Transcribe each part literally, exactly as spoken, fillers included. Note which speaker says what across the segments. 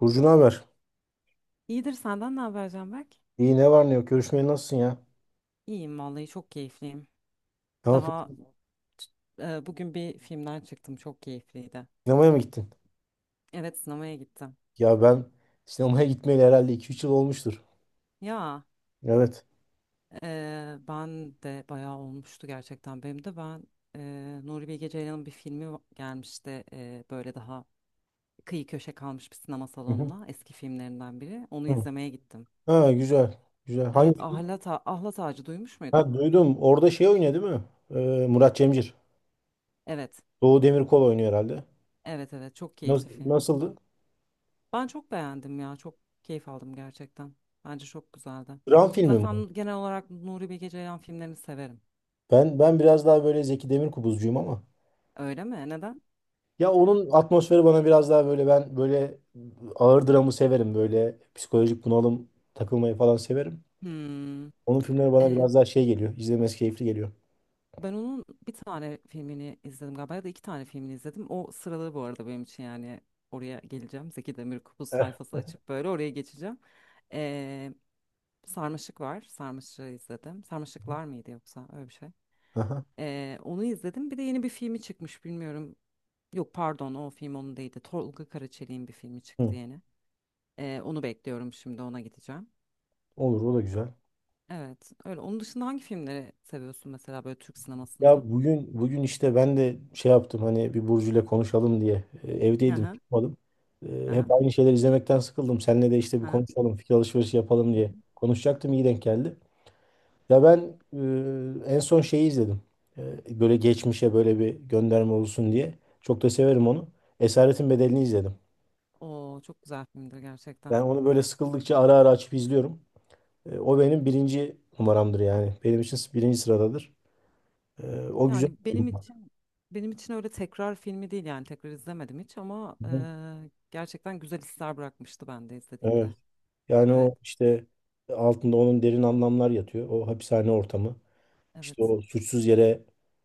Speaker 1: Burcu ne haber?
Speaker 2: İyidir senden ne haber Canberk?
Speaker 1: İyi ne var ne yok? Görüşmeye nasılsın ya?
Speaker 2: İyiyim vallahi çok keyifliyim.
Speaker 1: Ne
Speaker 2: Daha
Speaker 1: yapıyorsun?
Speaker 2: e, bugün bir filmden çıktım çok keyifliydi.
Speaker 1: Sinemaya mı gittin?
Speaker 2: Evet sinemaya gittim.
Speaker 1: Ya ben sinemaya gitmeyeli herhalde iki üç yıl olmuştur.
Speaker 2: Ya
Speaker 1: Evet.
Speaker 2: e, Ben de bayağı olmuştu gerçekten benim de ben e, Nuri Bilge Ceylan'ın bir filmi va- gelmişti, e, böyle daha kıyı köşe kalmış bir sinema
Speaker 1: Hı hı.
Speaker 2: salonuna eski filmlerinden biri, onu
Speaker 1: Hı.
Speaker 2: izlemeye gittim.
Speaker 1: Ha güzel. Güzel. Hangi
Speaker 2: Evet
Speaker 1: film?
Speaker 2: Ahlat, A- Ahlat Ağacı duymuş muydun?
Speaker 1: Ha duydum. Orada şey oynuyor değil mi? Ee, Murat Cemcir.
Speaker 2: Evet
Speaker 1: Doğu Demirkol oynuyor herhalde.
Speaker 2: evet evet çok
Speaker 1: Nasıl,
Speaker 2: keyifli film.
Speaker 1: nasıldı?
Speaker 2: Ben çok beğendim ya. Çok keyif aldım gerçekten. Bence çok güzeldi.
Speaker 1: Dram filmi mi?
Speaker 2: Zaten genel olarak Nuri Bilge Ceylan filmlerini severim.
Speaker 1: Ben ben biraz daha böyle Zeki Demirkubuzcuyum ama.
Speaker 2: Öyle mi? Neden?
Speaker 1: Ya onun atmosferi bana biraz daha böyle ben böyle ağır dramı severim. Böyle psikolojik bunalım takılmayı falan severim.
Speaker 2: Hmm.
Speaker 1: Onun filmleri bana
Speaker 2: Ee,
Speaker 1: biraz daha şey geliyor. İzlemesi keyifli geliyor.
Speaker 2: ben onun bir tane filmini izledim galiba ya da iki tane filmini izledim. O sıralı bu arada benim için yani oraya geleceğim. Zeki Demirkubuz
Speaker 1: Eh.
Speaker 2: sayfası açıp böyle oraya geçeceğim. Ee, Sarmaşık var. Sarmaşık'ı izledim. Sarmaşıklar mıydı yoksa öyle bir şey.
Speaker 1: Aha.
Speaker 2: Ee, onu izledim. Bir de yeni bir filmi çıkmış bilmiyorum. Yok pardon o film onun değildi. Tolga Karaçelik'in bir filmi çıktı
Speaker 1: Hı.
Speaker 2: yeni. Ee, onu bekliyorum şimdi ona gideceğim.
Speaker 1: Olur o da güzel.
Speaker 2: Evet öyle. Onun dışında hangi filmleri seviyorsun mesela böyle Türk sinemasında?
Speaker 1: Ya bugün bugün işte ben de şey yaptım hani bir Burcu'yla konuşalım diye. E, Evdeydim
Speaker 2: Aha,
Speaker 1: çıkmadım. E,
Speaker 2: aha,
Speaker 1: hep aynı şeyler izlemekten sıkıldım. Seninle de işte bir
Speaker 2: aha.
Speaker 1: konuşalım, fikir alışverişi yapalım
Speaker 2: Hı
Speaker 1: diye.
Speaker 2: hı.
Speaker 1: Konuşacaktım, iyi denk geldi. Ya ben e, en son şeyi izledim. E, böyle geçmişe böyle bir gönderme olsun diye. Çok da severim onu. Esaretin Bedeli'ni izledim.
Speaker 2: Oo çok güzel filmdir gerçekten.
Speaker 1: Ben onu böyle sıkıldıkça ara ara açıp izliyorum. E, o benim birinci numaramdır yani. Benim için birinci sıradadır. E, o güzel
Speaker 2: Yani
Speaker 1: bir film
Speaker 2: benim
Speaker 1: var.
Speaker 2: için benim için öyle tekrar filmi değil yani tekrar izlemedim hiç ama e,
Speaker 1: Hı hı.
Speaker 2: gerçekten güzel hisler bırakmıştı ben de izlediğimde.
Speaker 1: Evet. Yani
Speaker 2: Evet,
Speaker 1: o işte, altında onun derin anlamlar yatıyor. O hapishane ortamı. İşte
Speaker 2: evet,
Speaker 1: o suçsuz yere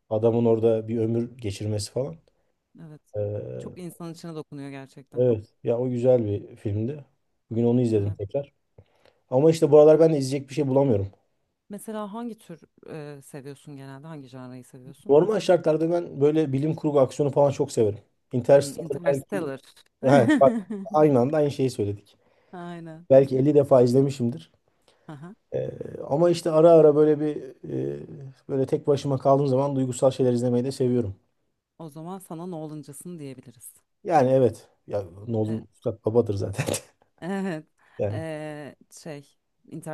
Speaker 1: adamın orada bir ömür geçirmesi falan.
Speaker 2: evet.
Speaker 1: E,
Speaker 2: Çok insan içine dokunuyor gerçekten.
Speaker 1: evet. Ya o güzel bir filmdi. Bugün onu izledim
Speaker 2: Evet.
Speaker 1: tekrar. Ama işte bu aralar ben de izleyecek bir şey bulamıyorum.
Speaker 2: Mesela hangi tür e, seviyorsun genelde? Hangi janrayı seviyorsun?
Speaker 1: Normal şartlarda ben böyle bilim kurgu, aksiyonu falan çok severim.
Speaker 2: Hmm,
Speaker 1: Interstellar belki.
Speaker 2: Interstellar.
Speaker 1: He, bak, aynı anda aynı şeyi söyledik.
Speaker 2: Aynen.
Speaker 1: Belki elli defa izlemişimdir.
Speaker 2: Aha.
Speaker 1: Ee, ama işte ara ara böyle bir e, böyle tek başıma kaldığım zaman duygusal şeyler izlemeyi de seviyorum.
Speaker 2: O zaman sana Nolan'cısın diyebiliriz.
Speaker 1: Yani evet. Ya
Speaker 2: E,
Speaker 1: Nolan Üstad babadır zaten.
Speaker 2: evet.
Speaker 1: Yani
Speaker 2: E, şey,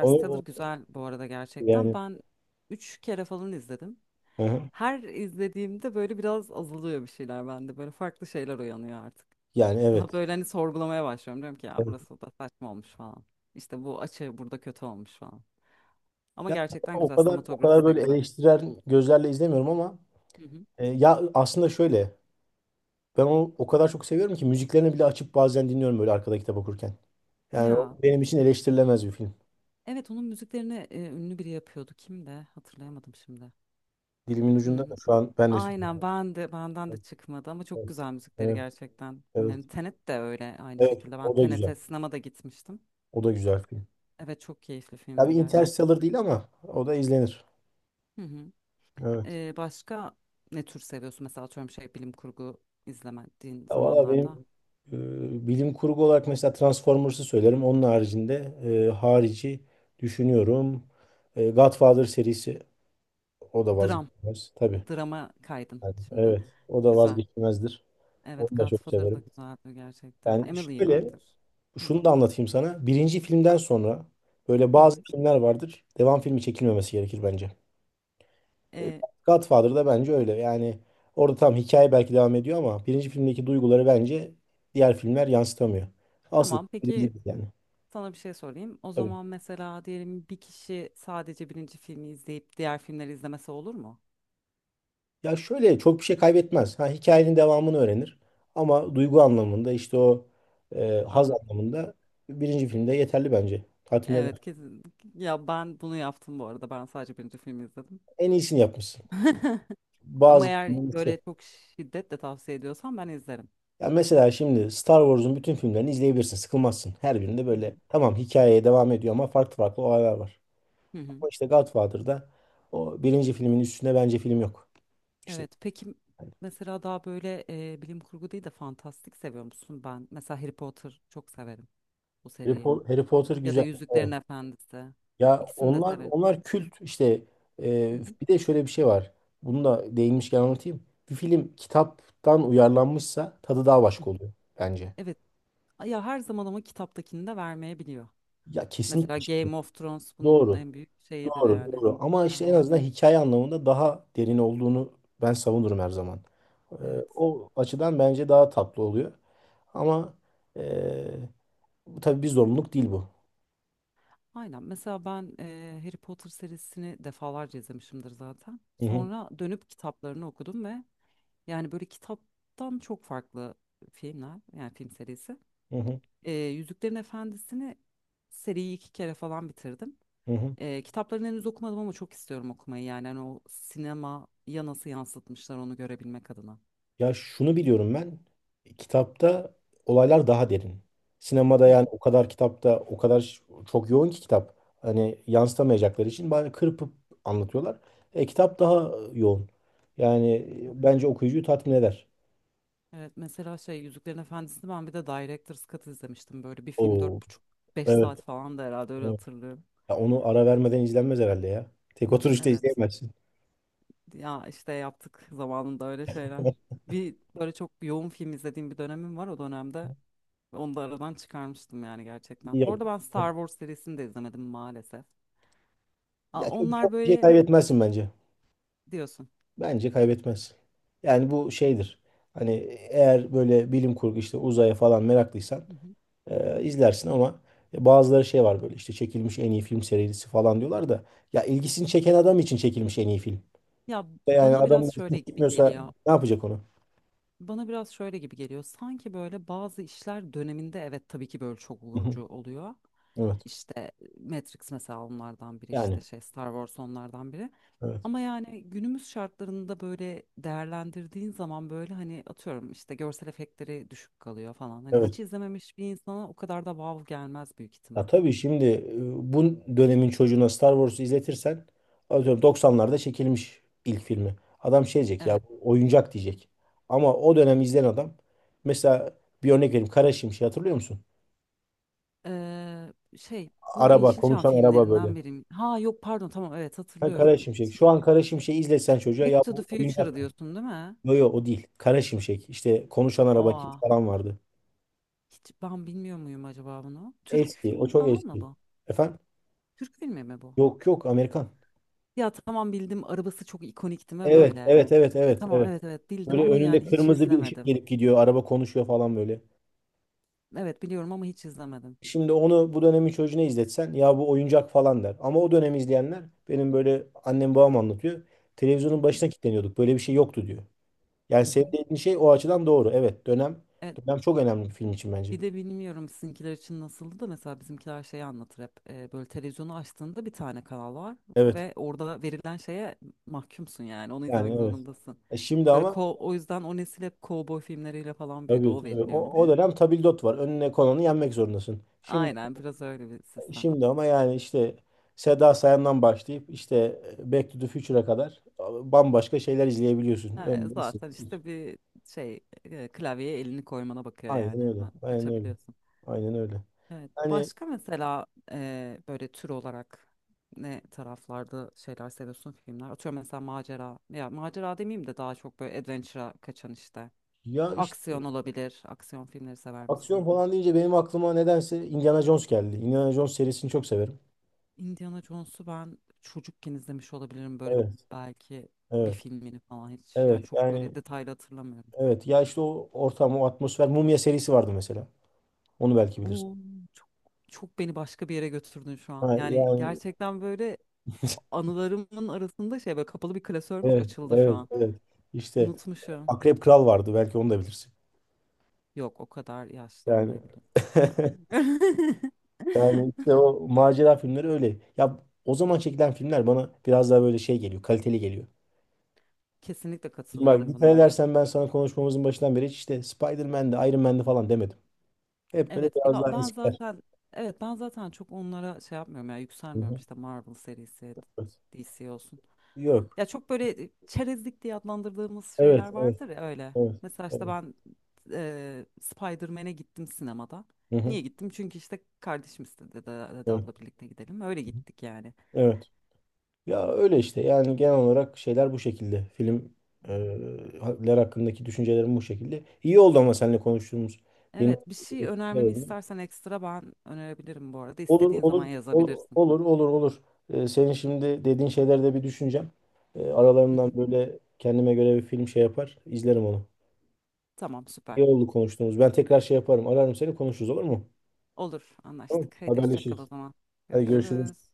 Speaker 1: onu o-
Speaker 2: güzel bu arada gerçekten.
Speaker 1: yani.
Speaker 2: Ben üç kere falan izledim.
Speaker 1: Hı hı.
Speaker 2: Her izlediğimde böyle biraz azalıyor bir şeyler bende. Böyle farklı şeyler uyanıyor artık.
Speaker 1: yani
Speaker 2: Daha
Speaker 1: evet.
Speaker 2: böyle hani sorgulamaya başlıyorum. Diyorum ki ya
Speaker 1: Evet.
Speaker 2: burası da saçma olmuş falan. İşte bu açı burada kötü olmuş falan. Ama
Speaker 1: Ya
Speaker 2: gerçekten
Speaker 1: o
Speaker 2: güzel.
Speaker 1: kadar o kadar
Speaker 2: Sinematografisi de
Speaker 1: böyle
Speaker 2: güzel.
Speaker 1: eleştiren gözlerle izlemiyorum ama
Speaker 2: Hı hı.
Speaker 1: e, ya aslında şöyle, ben onu o kadar çok seviyorum ki müziklerini bile açıp bazen dinliyorum, böyle arkada kitap okurken. Yani o
Speaker 2: Ya
Speaker 1: benim için eleştirilemez bir film.
Speaker 2: evet onun müziklerini e, ünlü biri yapıyordu. Kim de hatırlayamadım şimdi.
Speaker 1: Dilimin ucunda, da
Speaker 2: Hmm,
Speaker 1: şu an ben de
Speaker 2: aynen
Speaker 1: söylüyorum.
Speaker 2: ben de benden de
Speaker 1: Evet,
Speaker 2: çıkmadı ama çok
Speaker 1: evet,
Speaker 2: güzel müzikleri
Speaker 1: evet,
Speaker 2: gerçekten. Filmlerin
Speaker 1: evet.
Speaker 2: Tenet de öyle aynı
Speaker 1: Evet,
Speaker 2: şekilde. Ben
Speaker 1: o da güzel.
Speaker 2: Tenet'e sinemada gitmiştim.
Speaker 1: O da güzel film.
Speaker 2: Evet çok keyifli
Speaker 1: Tabii
Speaker 2: filmdi gerçekten.
Speaker 1: Interstellar değil ama o da izlenir.
Speaker 2: Hı hı.
Speaker 1: Evet.
Speaker 2: E, başka ne tür seviyorsun? Mesela atıyorum şey bilim kurgu izlemediğin
Speaker 1: Ya valla
Speaker 2: zamanlarda.
Speaker 1: benim e, bilim kurgu olarak mesela Transformers'ı söylerim. Onun haricinde e, harici düşünüyorum. E, Godfather serisi, o da
Speaker 2: Dram.
Speaker 1: vazgeçilmez tabii.
Speaker 2: Drama kaydın
Speaker 1: Yani,
Speaker 2: şimdi.
Speaker 1: evet. O da
Speaker 2: Güzel.
Speaker 1: vazgeçilmezdir.
Speaker 2: Evet,
Speaker 1: Onu da çok
Speaker 2: Godfather da
Speaker 1: severim.
Speaker 2: güzeldi gerçekten.
Speaker 1: Yani
Speaker 2: Emily
Speaker 1: şöyle,
Speaker 2: vardır. Hı
Speaker 1: şunu da anlatayım sana. Birinci filmden sonra böyle
Speaker 2: hı.
Speaker 1: bazı
Speaker 2: hı.
Speaker 1: filmler vardır, devam filmi çekilmemesi gerekir bence. E,
Speaker 2: Ee,
Speaker 1: Godfather'da bence öyle. Yani orada tam hikaye belki devam ediyor ama birinci filmdeki duyguları bence diğer filmler yansıtamıyor. Asıl
Speaker 2: tamam,
Speaker 1: birinci
Speaker 2: peki
Speaker 1: film yani.
Speaker 2: sana bir şey sorayım. O
Speaker 1: Tabii.
Speaker 2: zaman mesela diyelim bir kişi sadece birinci filmi izleyip diğer filmleri izlemesi olur mu?
Speaker 1: Ya şöyle, çok bir şey kaybetmez. Ha, hikayenin devamını öğrenir. Ama duygu anlamında, işte o e, haz
Speaker 2: Anladım.
Speaker 1: anlamında, birinci filmde yeterli bence. Tatmin eder.
Speaker 2: Evet, kesin. Ya ben bunu yaptım bu arada. Ben sadece birinci filmi izledim.
Speaker 1: En iyisini yapmışsın.
Speaker 2: Ama
Speaker 1: Bazı
Speaker 2: eğer böyle çok şiddetle tavsiye ediyorsan ben izlerim.
Speaker 1: Ya mesela şimdi Star Wars'un bütün filmlerini izleyebilirsin. Sıkılmazsın. Her birinde
Speaker 2: Hı hı.
Speaker 1: böyle tamam, hikayeye devam ediyor ama farklı farklı olaylar var.
Speaker 2: Hı hı.
Speaker 1: Ama işte Godfather'da o birinci filmin üstünde bence film yok. İşte
Speaker 2: Evet, peki
Speaker 1: hani
Speaker 2: mesela daha böyle e, bilim kurgu değil de fantastik seviyor musun? Ben mesela Harry Potter çok severim bu
Speaker 1: Harry,
Speaker 2: seriyi.
Speaker 1: Po- Harry Potter
Speaker 2: Ya da
Speaker 1: güzel.
Speaker 2: Yüzüklerin Efendisi.
Speaker 1: Ya
Speaker 2: İkisini de
Speaker 1: onlar
Speaker 2: severim.
Speaker 1: onlar kült işte.
Speaker 2: Hı
Speaker 1: E,
Speaker 2: hı,
Speaker 1: bir de şöyle bir şey var. Bunu da değinmişken anlatayım. Bir film kitaptan uyarlanmışsa tadı daha
Speaker 2: hı
Speaker 1: başka
Speaker 2: hı.
Speaker 1: oluyor bence.
Speaker 2: Evet. Ya her zaman ama kitaptakini de vermeyebiliyor.
Speaker 1: Ya kesinlikle
Speaker 2: Mesela
Speaker 1: şimdi.
Speaker 2: Game of Thrones bunun
Speaker 1: Doğru.
Speaker 2: en büyük şeyidir
Speaker 1: Doğru,
Speaker 2: yani.
Speaker 1: doğru. Ama işte en
Speaker 2: Örneğin.
Speaker 1: azından hikaye anlamında daha derin olduğunu ben savunurum her zaman. Ee,
Speaker 2: Evet.
Speaker 1: o açıdan bence daha tatlı oluyor. Ama ee, bu tabii bir zorunluluk değil bu.
Speaker 2: Aynen. Mesela ben e, Harry Potter serisini defalarca izlemişimdir zaten.
Speaker 1: Hı hı,
Speaker 2: Sonra dönüp kitaplarını okudum ve yani böyle kitaptan çok farklı filmler yani film serisi.
Speaker 1: hı hı,
Speaker 2: E, Yüzüklerin Efendisi'ni seriyi iki kere falan bitirdim.
Speaker 1: hı hı.
Speaker 2: Ee, kitaplarını henüz okumadım ama çok istiyorum okumayı. Yani hani o sinemaya nasıl yansıtmışlar onu görebilmek adına.
Speaker 1: Ya şunu biliyorum ben. Kitapta olaylar daha derin. Sinemada
Speaker 2: Hı
Speaker 1: yani
Speaker 2: hı.
Speaker 1: o kadar, kitapta o kadar ş- çok yoğun ki kitap. Hani yansıtamayacakları için bari kırpıp anlatıyorlar. E, kitap daha yoğun. Yani
Speaker 2: Evet.
Speaker 1: e, bence okuyucuyu tatmin eder.
Speaker 2: Evet, mesela şey Yüzüklerin Efendisi'ni ben bir de Director's Cut izlemiştim. Böyle bir film
Speaker 1: Oo,
Speaker 2: dört buçuk beş
Speaker 1: evet.
Speaker 2: saat falan da herhalde öyle hatırlıyorum.
Speaker 1: Ya onu ara vermeden izlenmez herhalde ya. Tek oturuşta
Speaker 2: Evet.
Speaker 1: izleyemezsin.
Speaker 2: Ya işte yaptık zamanında öyle şeyler. Bir böyle çok yoğun film izlediğim bir dönemim var o dönemde. Onu da aradan çıkarmıştım yani
Speaker 1: İyi
Speaker 2: gerçekten. Bu
Speaker 1: yap.
Speaker 2: arada ben Star Wars serisini de izlemedim maalesef. Aa,
Speaker 1: Ya çok, çok
Speaker 2: onlar
Speaker 1: bir şey
Speaker 2: böyle
Speaker 1: kaybetmezsin bence.
Speaker 2: diyorsun.
Speaker 1: Bence kaybetmez. Yani bu şeydir. Hani eğer böyle bilim kurgu, işte uzaya falan meraklıysan e, izlersin ama. Bazıları şey var, böyle işte çekilmiş en iyi film serisi falan diyorlar da ya, ilgisini çeken adam için çekilmiş en iyi film.
Speaker 2: Ya
Speaker 1: Yani
Speaker 2: bana
Speaker 1: adam
Speaker 2: biraz şöyle gibi
Speaker 1: gitmiyorsa
Speaker 2: geliyor.
Speaker 1: ne yapacak onu?
Speaker 2: Bana biraz şöyle gibi geliyor. Sanki böyle bazı işler döneminde evet tabii ki böyle çok
Speaker 1: Hı hı.
Speaker 2: vurucu oluyor.
Speaker 1: Evet.
Speaker 2: İşte Matrix mesela onlardan biri işte
Speaker 1: Yani.
Speaker 2: şey Star Wars onlardan biri.
Speaker 1: Evet.
Speaker 2: Ama yani günümüz şartlarında böyle değerlendirdiğin zaman böyle hani atıyorum işte görsel efektleri düşük kalıyor falan. Hani hiç
Speaker 1: Evet.
Speaker 2: izlememiş bir insana o kadar da vav gelmez büyük
Speaker 1: Ya
Speaker 2: ihtimal.
Speaker 1: tabii şimdi e, bu dönemin çocuğuna Star Wars'u izletirsen, atıyorum doksanlarda çekilmiş ilk filmi, adam şey diyecek, ya
Speaker 2: Evet.
Speaker 1: bu oyuncak diyecek. Ama o dönem izleyen adam, mesela bir örnek vereyim, Kara Şimşek hatırlıyor musun?
Speaker 2: Ee, şey bu
Speaker 1: Araba
Speaker 2: Yeşilçam
Speaker 1: konuşan araba
Speaker 2: filmlerinden
Speaker 1: böyle.
Speaker 2: biri. Mi? Ha yok pardon tamam evet
Speaker 1: Ha,
Speaker 2: hatırlıyorum.
Speaker 1: Kara Şimşek. Şu
Speaker 2: Şey,
Speaker 1: an Kara Şimşek'i izlesen çocuğa,
Speaker 2: Back
Speaker 1: ya
Speaker 2: to the
Speaker 1: bu
Speaker 2: Future
Speaker 1: oyuncak.
Speaker 2: diyorsun değil mi?
Speaker 1: Yo yo, o değil. Kara Şimşek. İşte konuşan araba
Speaker 2: Aa,
Speaker 1: falan vardı.
Speaker 2: hiç ben bilmiyor muyum acaba bunu? Türk
Speaker 1: Eski. O
Speaker 2: filmi
Speaker 1: çok
Speaker 2: falan mı
Speaker 1: eski.
Speaker 2: bu?
Speaker 1: Efendim?
Speaker 2: Türk filmi mi bu?
Speaker 1: Yok yok, Amerikan.
Speaker 2: Ya tamam bildim arabası çok ikonik mi
Speaker 1: Evet
Speaker 2: böyle?
Speaker 1: evet evet
Speaker 2: E,
Speaker 1: evet
Speaker 2: tamam
Speaker 1: evet.
Speaker 2: evet evet bildim
Speaker 1: Böyle
Speaker 2: ama yani
Speaker 1: önünde
Speaker 2: hiç
Speaker 1: kırmızı bir ışık
Speaker 2: izlemedim.
Speaker 1: gelip gidiyor. Araba konuşuyor falan böyle.
Speaker 2: Evet biliyorum ama hiç izlemedim.
Speaker 1: Şimdi onu bu dönemin çocuğuna izletsen, ya bu oyuncak falan der. Ama o dönem izleyenler, benim böyle annem babam anlatıyor,
Speaker 2: Hı
Speaker 1: televizyonun
Speaker 2: hı.
Speaker 1: başına kilitleniyorduk, böyle bir şey yoktu diyor. Yani
Speaker 2: Hı
Speaker 1: senin
Speaker 2: hı.
Speaker 1: dediğin şey o açıdan doğru. Evet, dönem
Speaker 2: Evet,
Speaker 1: dönem çok önemli bir film için bence.
Speaker 2: bir de bilmiyorum sizinkiler için nasıldı da mesela bizimkiler şeyi anlatır hep e, böyle televizyonu açtığında bir tane kanal var
Speaker 1: Evet
Speaker 2: ve orada verilen şeye mahkumsun yani onu izlemek
Speaker 1: yani evet.
Speaker 2: zorundasın.
Speaker 1: E şimdi
Speaker 2: Böyle
Speaker 1: ama
Speaker 2: ko o yüzden o nesil hep kovboy filmleriyle falan büyüdü
Speaker 1: tabii
Speaker 2: o
Speaker 1: tabii, o, o
Speaker 2: veriliyormuş.
Speaker 1: dönem tabildot var. Önüne konanı yenmek zorundasın. Şimdi
Speaker 2: Aynen biraz öyle bir sistem.
Speaker 1: Şimdi ama yani işte Seda Sayan'dan başlayıp işte e, Back to the Future'a kadar bambaşka şeyler izleyebiliyorsun.
Speaker 2: Ha,
Speaker 1: Öyle
Speaker 2: zaten
Speaker 1: hissettim.
Speaker 2: işte bir şey e, klavyeye elini koymana bakıyor
Speaker 1: Aynen
Speaker 2: yani
Speaker 1: öyle.
Speaker 2: hemen
Speaker 1: Aynen öyle.
Speaker 2: açabiliyorsun.
Speaker 1: Aynen öyle.
Speaker 2: Evet.
Speaker 1: Yani
Speaker 2: Başka mesela e, böyle tür olarak ne taraflarda şeyler seviyorsun filmler? Atıyorum mesela macera. Ya macera demeyeyim de daha çok böyle adventure'a kaçan işte.
Speaker 1: ya işte,
Speaker 2: Aksiyon olabilir. Aksiyon filmleri sever
Speaker 1: aksiyon
Speaker 2: misin?
Speaker 1: falan deyince benim aklıma nedense Indiana Jones geldi. Indiana Jones serisini çok severim.
Speaker 2: Indiana Jones'u ben çocukken izlemiş olabilirim böyle
Speaker 1: Evet.
Speaker 2: belki bir
Speaker 1: Evet.
Speaker 2: filmini falan hiç. Yani
Speaker 1: Evet.
Speaker 2: çok
Speaker 1: Yani
Speaker 2: böyle detaylı hatırlamıyorum.
Speaker 1: evet. Ya işte o ortam, o atmosfer. Mumya serisi vardı mesela. Onu belki bilirsin.
Speaker 2: O çok çok beni başka bir yere götürdün şu an.
Speaker 1: Ha,
Speaker 2: Yani
Speaker 1: yani
Speaker 2: gerçekten böyle anılarımın arasında şey böyle kapalı bir klasörmüş
Speaker 1: evet.
Speaker 2: açıldı şu
Speaker 1: Evet.
Speaker 2: an.
Speaker 1: Evet. İşte
Speaker 2: Unutmuşum.
Speaker 1: Akrep Kral vardı. Belki onu da bilirsin.
Speaker 2: Yok o kadar yaşlı
Speaker 1: Yani
Speaker 2: olmayabilirim.
Speaker 1: yani işte o macera filmleri öyle. Ya o zaman çekilen filmler bana biraz daha böyle şey geliyor, kaliteli geliyor.
Speaker 2: Kesinlikle
Speaker 1: Şimdi bak,
Speaker 2: katılıyorum
Speaker 1: dikkat
Speaker 2: buna.
Speaker 1: edersen ben sana konuşmamızın başından beri hiç işte Spider-Man'de, Iron Man'de falan demedim. Hep böyle
Speaker 2: Evet
Speaker 1: biraz
Speaker 2: ya
Speaker 1: daha
Speaker 2: ben
Speaker 1: eskiler.
Speaker 2: zaten evet ben zaten çok onlara şey yapmıyorum ya
Speaker 1: Hı
Speaker 2: yükselmiyorum
Speaker 1: hı.
Speaker 2: işte Marvel serisi
Speaker 1: Evet.
Speaker 2: D C olsun.
Speaker 1: Yok.
Speaker 2: Ya çok böyle e, çerezlik diye adlandırdığımız şeyler
Speaker 1: Evet, evet,
Speaker 2: vardır ya öyle.
Speaker 1: evet,
Speaker 2: Mesela işte
Speaker 1: evet.
Speaker 2: ben e, Spider-Man'e gittim sinemada.
Speaker 1: Hı hı.
Speaker 2: Niye gittim? Çünkü işte kardeşim istedi dedi, dedi
Speaker 1: Evet,
Speaker 2: abla birlikte gidelim. Öyle gittik yani.
Speaker 1: evet. Ya öyle işte, yani genel olarak şeyler bu şekilde. Film e, ler hakkındaki düşüncelerim bu şekilde. İyi oldu ama seninle konuştuğumuz, yeni
Speaker 2: Evet, bir şey önermemi
Speaker 1: evet.
Speaker 2: istersen ekstra ben önerebilirim bu arada.
Speaker 1: Olur,
Speaker 2: İstediğin
Speaker 1: olur,
Speaker 2: zaman
Speaker 1: ol-
Speaker 2: yazabilirsin.
Speaker 1: olur, olur, olur. Ee, senin şimdi dediğin şeyler de bir düşüneceğim. Ee,
Speaker 2: Hı
Speaker 1: aralarından
Speaker 2: hı.
Speaker 1: böyle kendime göre bir film şey yapar, izlerim onu.
Speaker 2: Tamam,
Speaker 1: İyi
Speaker 2: süper.
Speaker 1: oldu konuştuğumuz. Ben tekrar şey yaparım, ararım seni, konuşuruz olur mu?
Speaker 2: Olur,
Speaker 1: Tamam,
Speaker 2: anlaştık. Haydi hoşça kal o
Speaker 1: haberleşiriz.
Speaker 2: zaman.
Speaker 1: Hadi görüşürüz.
Speaker 2: Görüşürüz.